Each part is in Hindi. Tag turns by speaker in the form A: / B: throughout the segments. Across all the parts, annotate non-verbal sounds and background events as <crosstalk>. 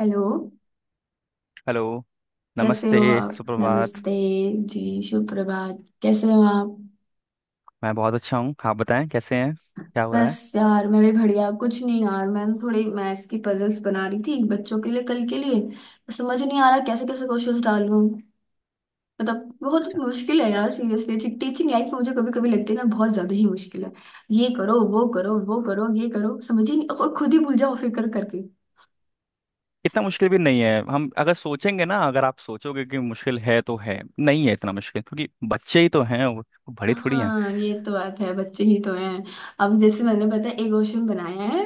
A: हेलो।
B: हेलो।
A: कैसे
B: नमस्ते।
A: हो आप?
B: सुप्रभात।
A: नमस्ते जी। शुभ प्रभात। कैसे हो आप?
B: मैं बहुत अच्छा हूँ। आप बताएं, कैसे हैं, क्या हो रहा है?
A: बस यार, मैं भी बढ़िया। कुछ नहीं यार, मैं ना थोड़ी मैथ्स की पजल्स बना रही थी बच्चों के लिए, कल के लिए। तो समझ नहीं आ रहा कैसे कैसे क्वेश्चंस डालूं। मतलब बहुत मुश्किल है यार, सीरियसली। टीचिंग लाइफ में मुझे कभी कभी लगती है ना, बहुत ज्यादा ही मुश्किल है। ये करो, वो करो, वो करो, ये करो, समझ ही नहीं, और खुद ही भूल जाओ फिर कर करके।
B: इतना मुश्किल भी नहीं है। हम अगर सोचेंगे ना, अगर आप सोचोगे कि मुश्किल है तो है नहीं है इतना मुश्किल, क्योंकि बच्चे ही तो हैं। वो बड़े थोड़ी हैं।
A: हाँ, ये तो बात है, बच्चे ही तो हैं। अब जैसे, मैंने, पता है, एक क्वेश्चन बनाया है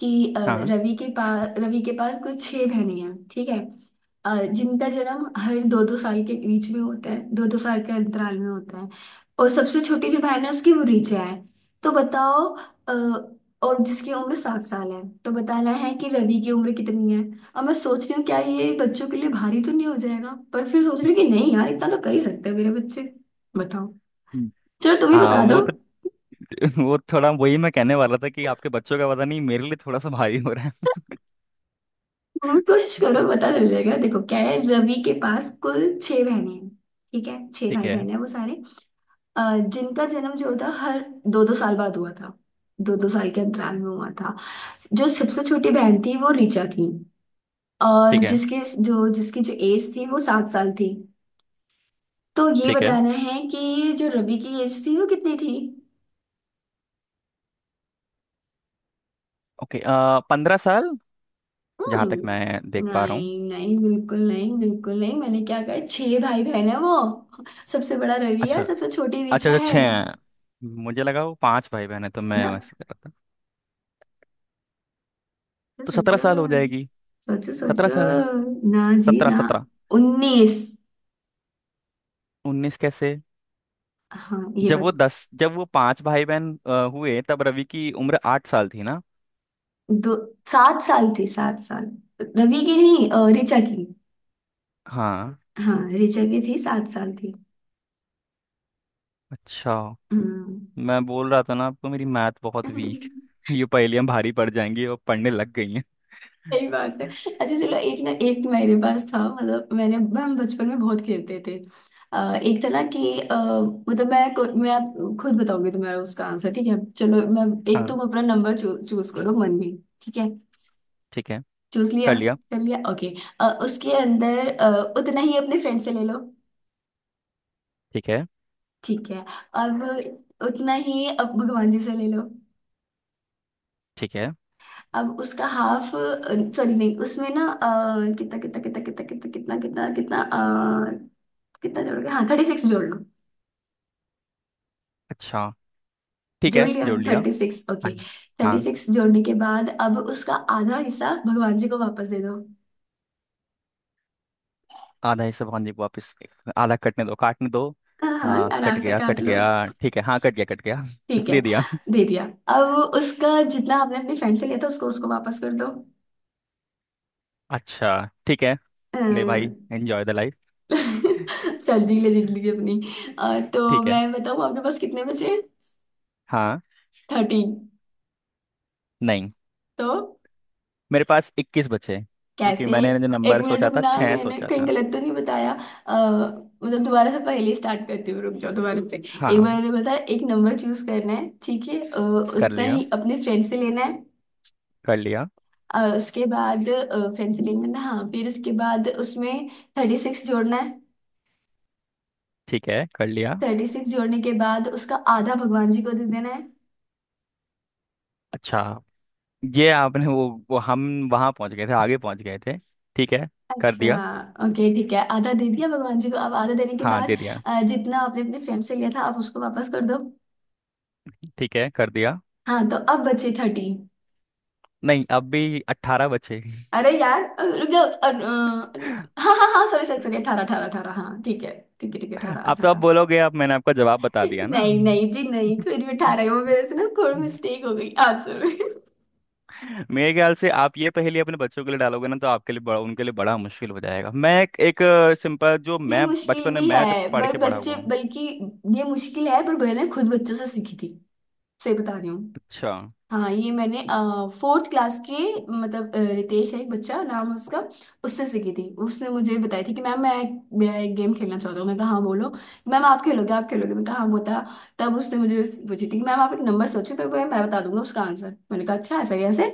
A: कि
B: हाँ।
A: रवि के पास कुछ छह बहनें हैं, ठीक है? जिनका जन्म हर दो दो साल के बीच में होता है, दो दो साल के अंतराल में होता है। और सबसे छोटी जो बहन है उसकी, वो ऋचा है। तो बताओ, और जिसकी उम्र 7 साल है, तो बताना है कि रवि की उम्र कितनी है। अब मैं सोच रही हूँ क्या ये बच्चों के लिए भारी तो नहीं हो जाएगा, पर फिर सोच रही हूँ कि नहीं यार, इतना तो कर ही सकते हैं मेरे बच्चे। बताओ। चलो तुम ही बता दो।
B: वो तो… <laughs> वो थोड़ा वही मैं कहने वाला था कि आपके बच्चों का पता नहीं, मेरे लिए थोड़ा सा भारी हो रहा है।
A: तुम भी कोशिश करो, पता चल जाएगा। देखो क्या है, रवि के पास कुल छह बहनें हैं, ठीक है? छह
B: ठीक
A: भाई
B: है।
A: बहन है वो सारे। अ, जिनका जन्म जो था, हर दो दो साल बाद हुआ था, दो दो साल के अंतराल में हुआ था। जो सबसे छोटी बहन थी वो ऋचा थी, और
B: ठीक है।
A: जिसकी जो एज थी वो सात साल थी। तो ये
B: ठीक है।
A: बताना है कि जो रवि की एज थी वो कितनी थी।
B: ओके। 15 साल। जहाँ तक मैं
A: हम्म।
B: देख पा रहा हूँ।
A: नहीं नहीं, बिल्कुल नहीं, बिल्कुल नहीं। मैंने क्या कहा, छह भाई बहन है वो। सबसे बड़ा रवि है और
B: अच्छा। अच्छा,
A: सबसे छोटी ऋचा
B: अच्छा,
A: है।
B: छः हैं। मुझे लगा वो पांच भाई बहन है, तो मैं
A: ना।
B: वैसे कर रहा था। तो सत्रह
A: सोचो,
B: साल हो जाएगी।
A: सोचो,
B: सत्रह
A: सोचो
B: साल है।
A: ना जी
B: 17,
A: ना।
B: 17।
A: 19।
B: 19 कैसे?
A: हाँ, ये बात।
B: जब वो पांच भाई बहन हुए, तब रवि की उम्र 8 साल थी ना।
A: दो। 7 साल थी, सात साल। रवि की नहीं, ऋचा की।
B: हाँ।
A: हाँ, ऋचा की थी, सात साल थी।
B: अच्छा।
A: हम्म।
B: मैं बोल रहा था ना आपको, मेरी मैथ बहुत वीक।
A: <laughs>
B: ये पहेलियां भारी पड़ जाएंगी और पढ़ने लग गई हैं।
A: सही बात है। अच्छा चलो, एक ना एक मेरे पास था। मतलब मैंने, हम बचपन में बहुत खेलते थे। एक था ना कि मतलब मैं आप खुद बताऊंगी तुम्हारा, उसका आंसर। ठीक है चलो, मैं एक,
B: हाँ,
A: तुम अपना नंबर चूज करो मन में, ठीक है?
B: ठीक है,
A: चूज लिया?
B: कर लिया।
A: कर लिया, ओके। उसके अंदर उतना ही अपने फ्रेंड से ले लो।
B: ठीक है।
A: ठीक है। अब उतना ही अब भगवान जी से ले लो।
B: ठीक है।
A: अब उसका हाफ, सॉरी नहीं, उसमें ना कितना कितना कितना कितना कितना कितना कितना कितना कितना जोड़ गया, हाँ, 36 जोड़ लो।
B: अच्छा। ठीक
A: जोड़
B: है,
A: लिया,
B: जोड़ लिया।
A: थर्टी सिक्स,
B: हाँ,
A: ओके। थर्टी
B: हाँ।
A: सिक्स जोड़ने के बाद अब उसका आधा हिस्सा भगवान जी को वापस दे दो।
B: आधा हिस्सा भगवान जी को वापस। आधा कटने दो, काटने दो।
A: हाँ हाँ,
B: हाँ,
A: आराम
B: कट
A: से
B: गया,
A: काट
B: कट
A: लो।
B: गया। ठीक है, हाँ, कट गया, कट गया।
A: ठीक
B: <laughs>
A: है,
B: दे दिया।
A: दे दिया। अब उसका जितना आपने अपने फ्रेंड से लिया था उसको उसको वापस कर दो।
B: अच्छा। ठीक है। ले भाई,
A: अह,
B: एंजॉय द लाइफ।
A: <laughs> चल, जी ले जिंदगी अपनी। तो
B: ठीक है।
A: मैं बताऊँ आपके पास कितने बचे?
B: हाँ।
A: 13।
B: नहीं,
A: तो
B: मेरे पास 21 बचे हैं, क्योंकि
A: कैसे?
B: मैंने जो
A: एक
B: नंबर
A: मिनट
B: सोचा था
A: रुकना,
B: छः
A: मैंने
B: सोचा
A: कहीं
B: था।
A: गलत तो नहीं बताया? मतलब दोबारा से पहले स्टार्ट करती हूँ, रुक जाओ। दोबारा से, एक बार
B: हाँ,
A: मैंने बताया एक नंबर चूज करना है, ठीक है?
B: कर
A: उतना
B: लिया।
A: ही अपने फ्रेंड से लेना है।
B: कर लिया।
A: उसके बाद फ्रेंड से लेना है ना, हाँ, फिर उसके बाद उसमें 36 जोड़ना है।
B: ठीक है, कर लिया।
A: थर्टी सिक्स जोड़ने के बाद उसका आधा भगवान जी को दे देना है।
B: अच्छा, ये आपने वो हम वहाँ पहुँच गए थे, आगे पहुँच गए थे। ठीक है, कर
A: अच्छा।
B: दिया।
A: ओके, ठीक है, आधा दे दिया भगवान जी को। अब आधा देने के
B: हाँ,
A: बाद
B: दे दिया।
A: जितना आपने अपने फ्रेंड से लिया था, आप उसको वापस कर दो।
B: ठीक है, कर दिया।
A: हाँ, तो अब बचे 30।
B: नहीं, अब भी 18 बचे।
A: अरे यार, रुक जाओ,
B: <laughs>
A: हाँ हाँ हाँ, सॉरी सॉरी सॉरी, 18 अठारह अठारह, हाँ, ठीक है। ठीक है, ठीक है, अठारह
B: आप तो अब
A: अठारह।
B: बोलोगे अब मैंने आपका जवाब बता दिया ना।
A: नहीं नहीं जी नहीं, फिर भी अठारह है। वो मेरे से ना थोड़ी
B: <laughs>
A: मिस्टेक हो गई आप, सॉरी।
B: मेरे ख्याल से आप ये पहेली अपने बच्चों के लिए डालोगे ना, तो आपके लिए बड़ा, उनके लिए बड़ा मुश्किल हो जाएगा। मैं एक सिंपल, जो
A: ये
B: मैं
A: मुश्किल
B: बचपन में
A: भी
B: मैं जब
A: है
B: पढ़
A: पर
B: के बड़ा
A: बच्चे,
B: हुआ हूँ।
A: बल्कि ये मुश्किल है पर मैंने खुद बच्चों से सीखी थी, सही बता रही हूँ।
B: अच्छा।
A: हाँ, ये मैंने फोर्थ क्लास के, मतलब रितेश है एक बच्चा, नाम है उसका। उससे सीखी थी। उसने मुझे बताई थी कि मैम, मैं एक गेम खेलना चाहता हूँ। मैं कहा हाँ बोलो। मैम आप खेलोगे, आप खेलोगे? मैं कहा हाँ बता। तब उसने मुझे पूछी थी कि मैम आप एक नंबर सोचो, फिर मैं बता दूंगा उसका आंसर। मैंने कहा अच्छा, ऐसा कैसे।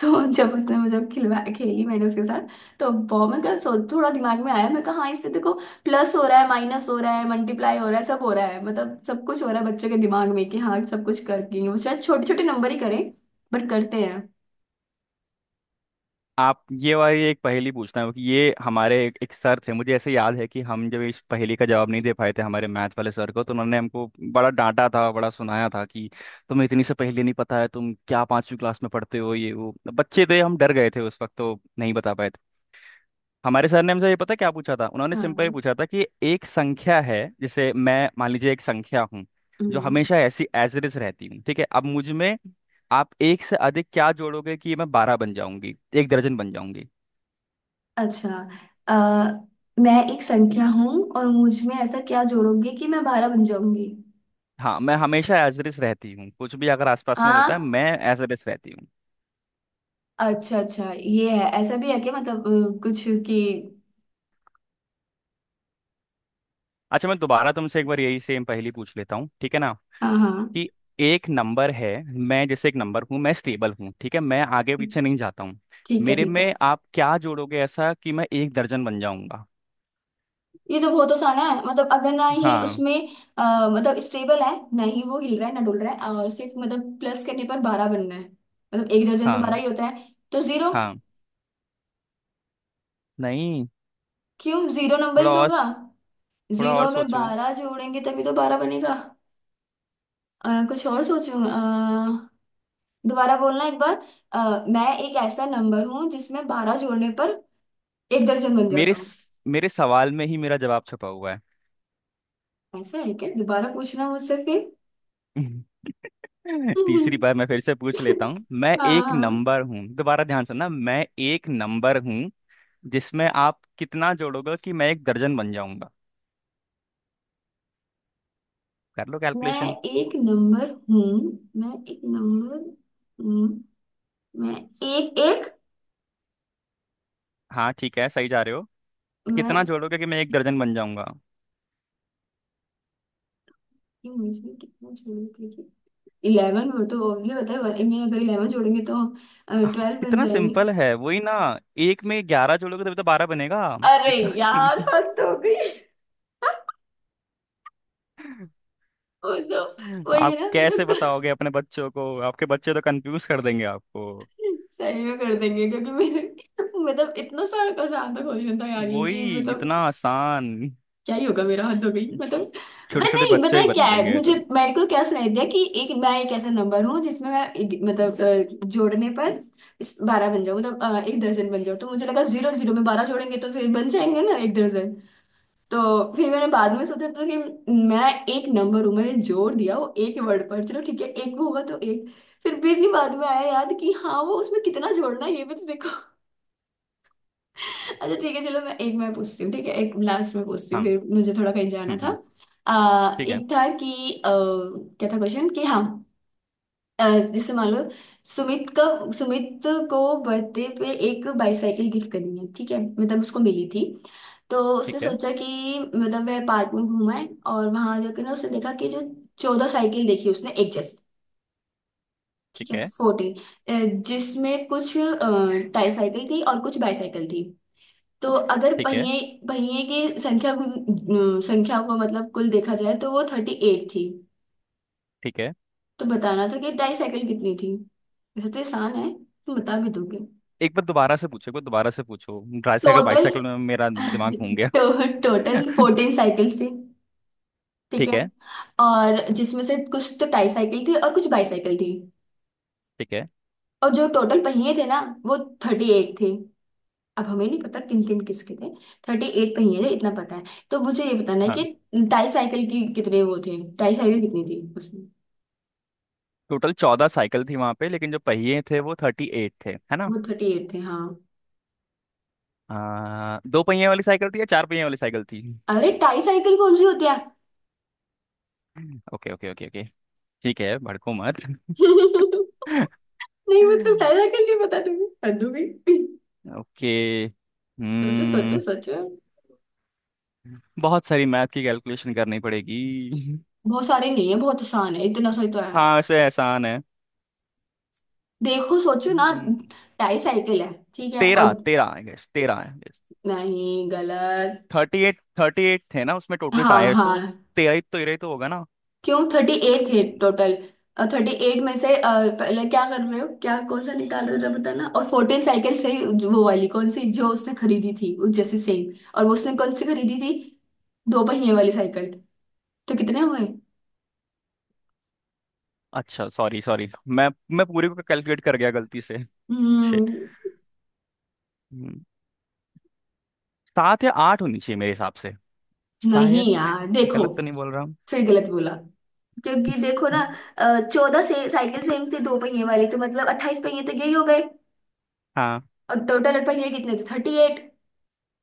A: तो <laughs> जब उसने मुझे खिलवा, खेली मैंने उसके साथ, तो बहुत, मैं कहा, थोड़ा दिमाग में आया। मैं कहा हाँ, इससे देखो प्लस हो रहा है, माइनस हो रहा है, मल्टीप्लाई हो रहा है, सब हो रहा है, मतलब सब कुछ हो रहा है बच्चों के दिमाग में कि हाँ, सब कुछ करके वो शायद छोटे छोटे नंबर ही करें, बट करते हैं।
B: आप ये वाली एक पहेली पूछना है कि ये हमारे एक सर थे। मुझे ऐसे याद है कि हम जब इस पहेली का जवाब नहीं दे पाए थे हमारे मैथ वाले सर को, तो उन्होंने हमको बड़ा डांटा था, बड़ा सुनाया था कि तुम्हें इतनी सी पहेली नहीं पता है, तुम क्या पांचवी क्लास में पढ़ते हो। ये वो बच्चे थे, हम डर गए थे उस वक्त, तो नहीं बता पाए। हमारे सर ने हमसे ये पता है क्या पूछा था, उन्होंने सिंपल ही
A: हाँ।
B: पूछा था कि एक संख्या है। जैसे मैं, मान लीजिए, एक संख्या हूँ, जो
A: हम्म।
B: हमेशा ऐसी एज इट इज रहती हूँ, ठीक है, अब मुझ में आप एक से अधिक क्या जोड़ोगे कि मैं 12 बन जाऊंगी, एक दर्जन बन जाऊंगी।
A: अच्छा। आ, मैं एक संख्या हूँ और मुझ में ऐसा क्या जोड़ोगे कि मैं 12 बन जाऊंगी?
B: हाँ, मैं हमेशा एज इट इज रहती हूँ, कुछ भी अगर आसपास में होता है,
A: हाँ।
B: मैं एज इट इज रहती हूँ।
A: अच्छा अच्छा, ये है, ऐसा भी है कि मतलब कुछ कि,
B: अच्छा, मैं दोबारा तुमसे एक बार यही सेम पहेली पूछ लेता हूँ, ठीक है ना,
A: हाँ हाँ,
B: कि एक नंबर है, मैं जैसे एक नंबर हूँ, मैं स्टेबल हूँ, ठीक है, मैं आगे पीछे नहीं जाता हूँ।
A: ठीक है,
B: मेरे
A: ठीक है।
B: में आप क्या जोड़ोगे ऐसा कि मैं एक दर्जन बन जाऊंगा?
A: ये तो बहुत आसान है। मतलब अगर ना ही
B: हाँ,
A: उसमें मतलब स्टेबल है, ना ही वो हिल रहा है ना डुल रहा है, और सिर्फ मतलब प्लस करने पर 12 बनना है, मतलब एक दर्जन तो बारह
B: हाँ,
A: ही होता है, तो 0।
B: हाँ। नहीं,
A: क्यों, जीरो नंबर
B: थोड़ा
A: ही तो
B: और,
A: होगा।
B: थोड़ा और
A: जीरो में
B: सोचो।
A: 12 जोड़ेंगे तभी तो 12 बनेगा। कुछ और सोचूंगा। दोबारा बोलना एक बार। मैं एक ऐसा नंबर हूँ जिसमें 12 जोड़ने पर एक दर्जन बन जाता हूँ?
B: मेरे सवाल में ही मेरा जवाब छुपा हुआ है।
A: ऐसा है क्या, दोबारा पूछना मुझसे फिर।
B: <laughs> तीसरी बार
A: <laughs>
B: मैं फिर से पूछ लेता हूँ, मैं
A: हाँ
B: एक
A: हाँ।
B: नंबर हूँ, दोबारा ध्यान से ना, मैं एक नंबर हूँ, जिसमें आप कितना जोड़ोगे कि मैं एक दर्जन बन जाऊंगा? कर लो
A: मैं
B: कैलकुलेशन।
A: एक नंबर हूँ, मैं एक नंबर हूँ, मैं एक एक
B: हाँ, ठीक है, सही जा रहे हो। कितना
A: मैं।
B: जोड़ोगे कि मैं एक दर्जन बन जाऊंगा?
A: इंग्लिश में कितना जोड़ूंगी, क्योंकि 11 वो तो ओनली होता है वन में, अगर 11 जोड़ेंगे तो
B: आह,
A: 12 बन
B: कितना
A: जाएंगे।
B: सिंपल है, वही ना, एक में 11 जोड़ोगे तभी तो 12 बनेगा।
A: अरे
B: इतना कि…
A: यार, हद हो गई, वो तो।
B: <laughs>
A: वही
B: आप
A: है ना, ये
B: कैसे
A: तो
B: बताओगे अपने बच्चों को, आपके बच्चे तो कंफ्यूज कर देंगे आपको।
A: सही में कर देंगे, क्योंकि मेरे, मतलब इतना सा आसान था क्वेश्चन था यार ये, कि
B: वही, इतना
A: मतलब
B: आसान।
A: क्या ही होगा मेरा, हद हो गई। मतलब मैं
B: छोटे छोटे
A: नहीं, पता
B: बच्चे ही
A: है क्या
B: बता
A: है,
B: देंगे ये
A: मुझे,
B: तो।
A: मेरे को क्या सुनाई दिया कि, एक मैं एक ऐसा नंबर हूँ जिसमें मतलब जोड़ने पर इस 12 बन जाऊँ, मतलब एक दर्जन बन जाऊँ, तो मुझे लगा 0, 0 में बारह जोड़ेंगे तो फिर बन जाएंगे ना एक दर्जन। तो फिर मैंने बाद में सोचा तो कि मैं एक नंबर हूँ, मैंने जोड़ दिया वो एक वर्ड पर, चलो ठीक है, एक होगा तो एक। फिर भी नहीं, बाद में आया याद कि हाँ, वो उसमें कितना जोड़ना है ये भी तो देखो। <laughs> अच्छा ठीक है चलो, मैं एक, मैं पूछती हूँ, ठीक है, एक लास्ट में पूछती हूँ,
B: हाँ।
A: फिर मुझे थोड़ा कहीं जाना
B: हम्म।
A: था।
B: हम्म। ठीक है।
A: एक था कि क्या था क्वेश्चन, कि हाँ अ, जैसे मान लो, सुमित का सुमित को बर्थडे पे एक बाईसाइकिल गिफ्ट करनी है, ठीक है, मतलब उसको मिली थी। तो उसने
B: ठीक है।
A: सोचा कि मतलब, वह पार्क में घूमा है, और वहां जाकर ना उसने देखा कि जो 14 साइकिल देखी उसने एक जैसी,
B: ठीक
A: ठीक है,
B: है।
A: 14, जिसमें कुछ टाई साइकिल थी और कुछ बाईसाइकिल थी। तो अगर
B: ठीक है।
A: पहिए, संख्या को मतलब कुल देखा जाए तो वो 38 थी।
B: ठीक है।
A: तो बताना था कि डाईसाइकिल कितनी थी। वैसे तो आसान है, तुम बता भी दोगे।
B: एक बार दोबारा से पूछो, एक बार दोबारा से पूछो, ट्राईसाइकिल
A: टोटल,
B: बाईसाइकिल में मेरा दिमाग घूम गया।
A: तो टोटल
B: <laughs>
A: 14 साइकिल्स <laughs> थी, ठीक है?
B: ठीक है।
A: और जिसमें से कुछ तो टाई साइकिल थी और कुछ बाईसाइकिल थी।
B: ठीक है।
A: और जो टोटल पहिए थे ना, वो 38 थे। अब हमें नहीं पता किन किन किसके थे। 38 पहिए थे, इतना पता है। तो मुझे ये बताना है कि
B: हाँ।
A: टाई साइकिल की कितने वो थे, टाई साइकिल कितनी थी उसमें।
B: टोटल 14 साइकिल थी वहां पे, लेकिन जो पहिए थे वो 38 थे, है ना?
A: वो थर्टी एट थे, हाँ।
B: दो पहिए वाली साइकिल थी या चार पहिए वाली साइकिल थी?
A: अरे, टाई साइकिल कौन सी होती है?
B: Okay, okay, okay, okay. ठीक है, भड़को मत।
A: <laughs> नहीं मतलब
B: <laughs>
A: टाई साइकिल नहीं पता तुम्हें, हद हो गई।
B: ओके।
A: सोचो, सोचो,
B: हम्म।
A: सोचो।
B: बहुत सारी मैथ की कैलकुलेशन करनी पड़ेगी। <laughs>
A: बहुत सारे नहीं है, बहुत आसान है, इतना सही तो है।
B: हाँ, ऐसे आसान है।
A: देखो, सोचो ना,
B: हम्म,
A: टाई साइकिल है, ठीक है,
B: 13,
A: और
B: 13 आई गेस, 13 आई गेस।
A: नहीं, गलत।
B: 38, 38 थे ना उसमें टोटल
A: हाँ
B: टायर्स
A: हाँ,
B: तो। 13 ही, 13 ही तो होगा ना।
A: क्यों, 38 थे
B: हम्म,
A: टोटल। 38 में से पहले क्या कर रहे हो, क्या कौन सा निकाल रहे हो, जरा बताना, और 14 साइकिल से वो वाली कौन सी जो उसने खरीदी थी, उस जैसी सेम? और वो उसने कौन सी खरीदी थी, दो पहिए वाली साइकिल, तो कितने हुए?
B: अच्छा, सॉरी, सॉरी, मैं पूरे को कैलकुलेट कर गया गलती से।
A: हम्म।
B: हम्म, सात या आठ होनी चाहिए मेरे हिसाब से। शायद।
A: नहीं यार देखो,
B: गलत तो नहीं बोल रहा हूँ।
A: फिर गलत बोला, क्योंकि देखो ना,
B: हम्म,
A: 14 से साइकिल सेम थी दो पहिए वाली, तो मतलब 28 पहिए तो यही हो गए।
B: हाँ।
A: और टोटल पहिए कितने थे, 38,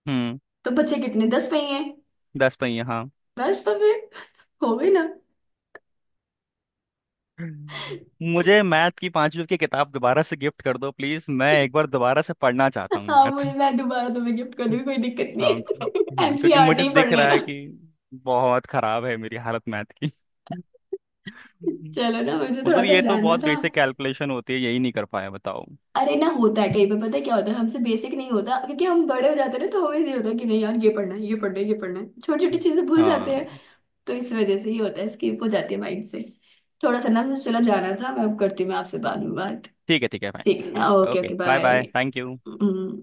B: हम्म
A: तो बचे कितने, 10 पहिए।
B: 10 पहिया, हाँ।
A: बस, तो फिर <laughs> हो गई ना।
B: हम्म। मुझे मैथ की पांचवी की किताब दोबारा से गिफ्ट कर दो प्लीज मैं एक बार दोबारा से पढ़ना चाहता हूँ
A: हाँ,
B: मैथ।
A: मुझे, मैं दोबारा तुम्हें गिफ्ट कर दूंगी, कोई दिक्कत
B: हाँ,
A: नहीं। <laughs>
B: हाँ, क्योंकि मुझे
A: NCERT पढ़
B: दिख रहा
A: लेना।
B: है कि बहुत खराब है मेरी हालत मैथ की। हम्म।
A: चलो ना, मुझे थोड़ा
B: मतलब
A: सा
B: ये तो
A: जानना
B: बहुत
A: था।
B: बेसिक कैलकुलेशन होती है, यही नहीं कर पाया, बताओ।
A: अरे ना, होता है कई बार, पता है क्या होता है, हमसे बेसिक नहीं होता, क्योंकि हम बड़े हो जाते हैं ना। तो हमें ये होता है कि नहीं यार, ये पढ़ना है, ये पढ़ना है, ये पढ़ना है, छोटी छोटी चीजें भूल जाते
B: हाँ,
A: हैं। तो इस वजह से ये होता है, स्किप हो जाती है माइंड से। थोड़ा सा ना मुझे चला जाना था, मैं अब करती हूँ, मैं आपसे बाद में बात।
B: ठीक है, ठीक है
A: ठीक है
B: भाई।
A: ना? Okay
B: okay,
A: okay.
B: Bye bye, thank you.
A: Bye.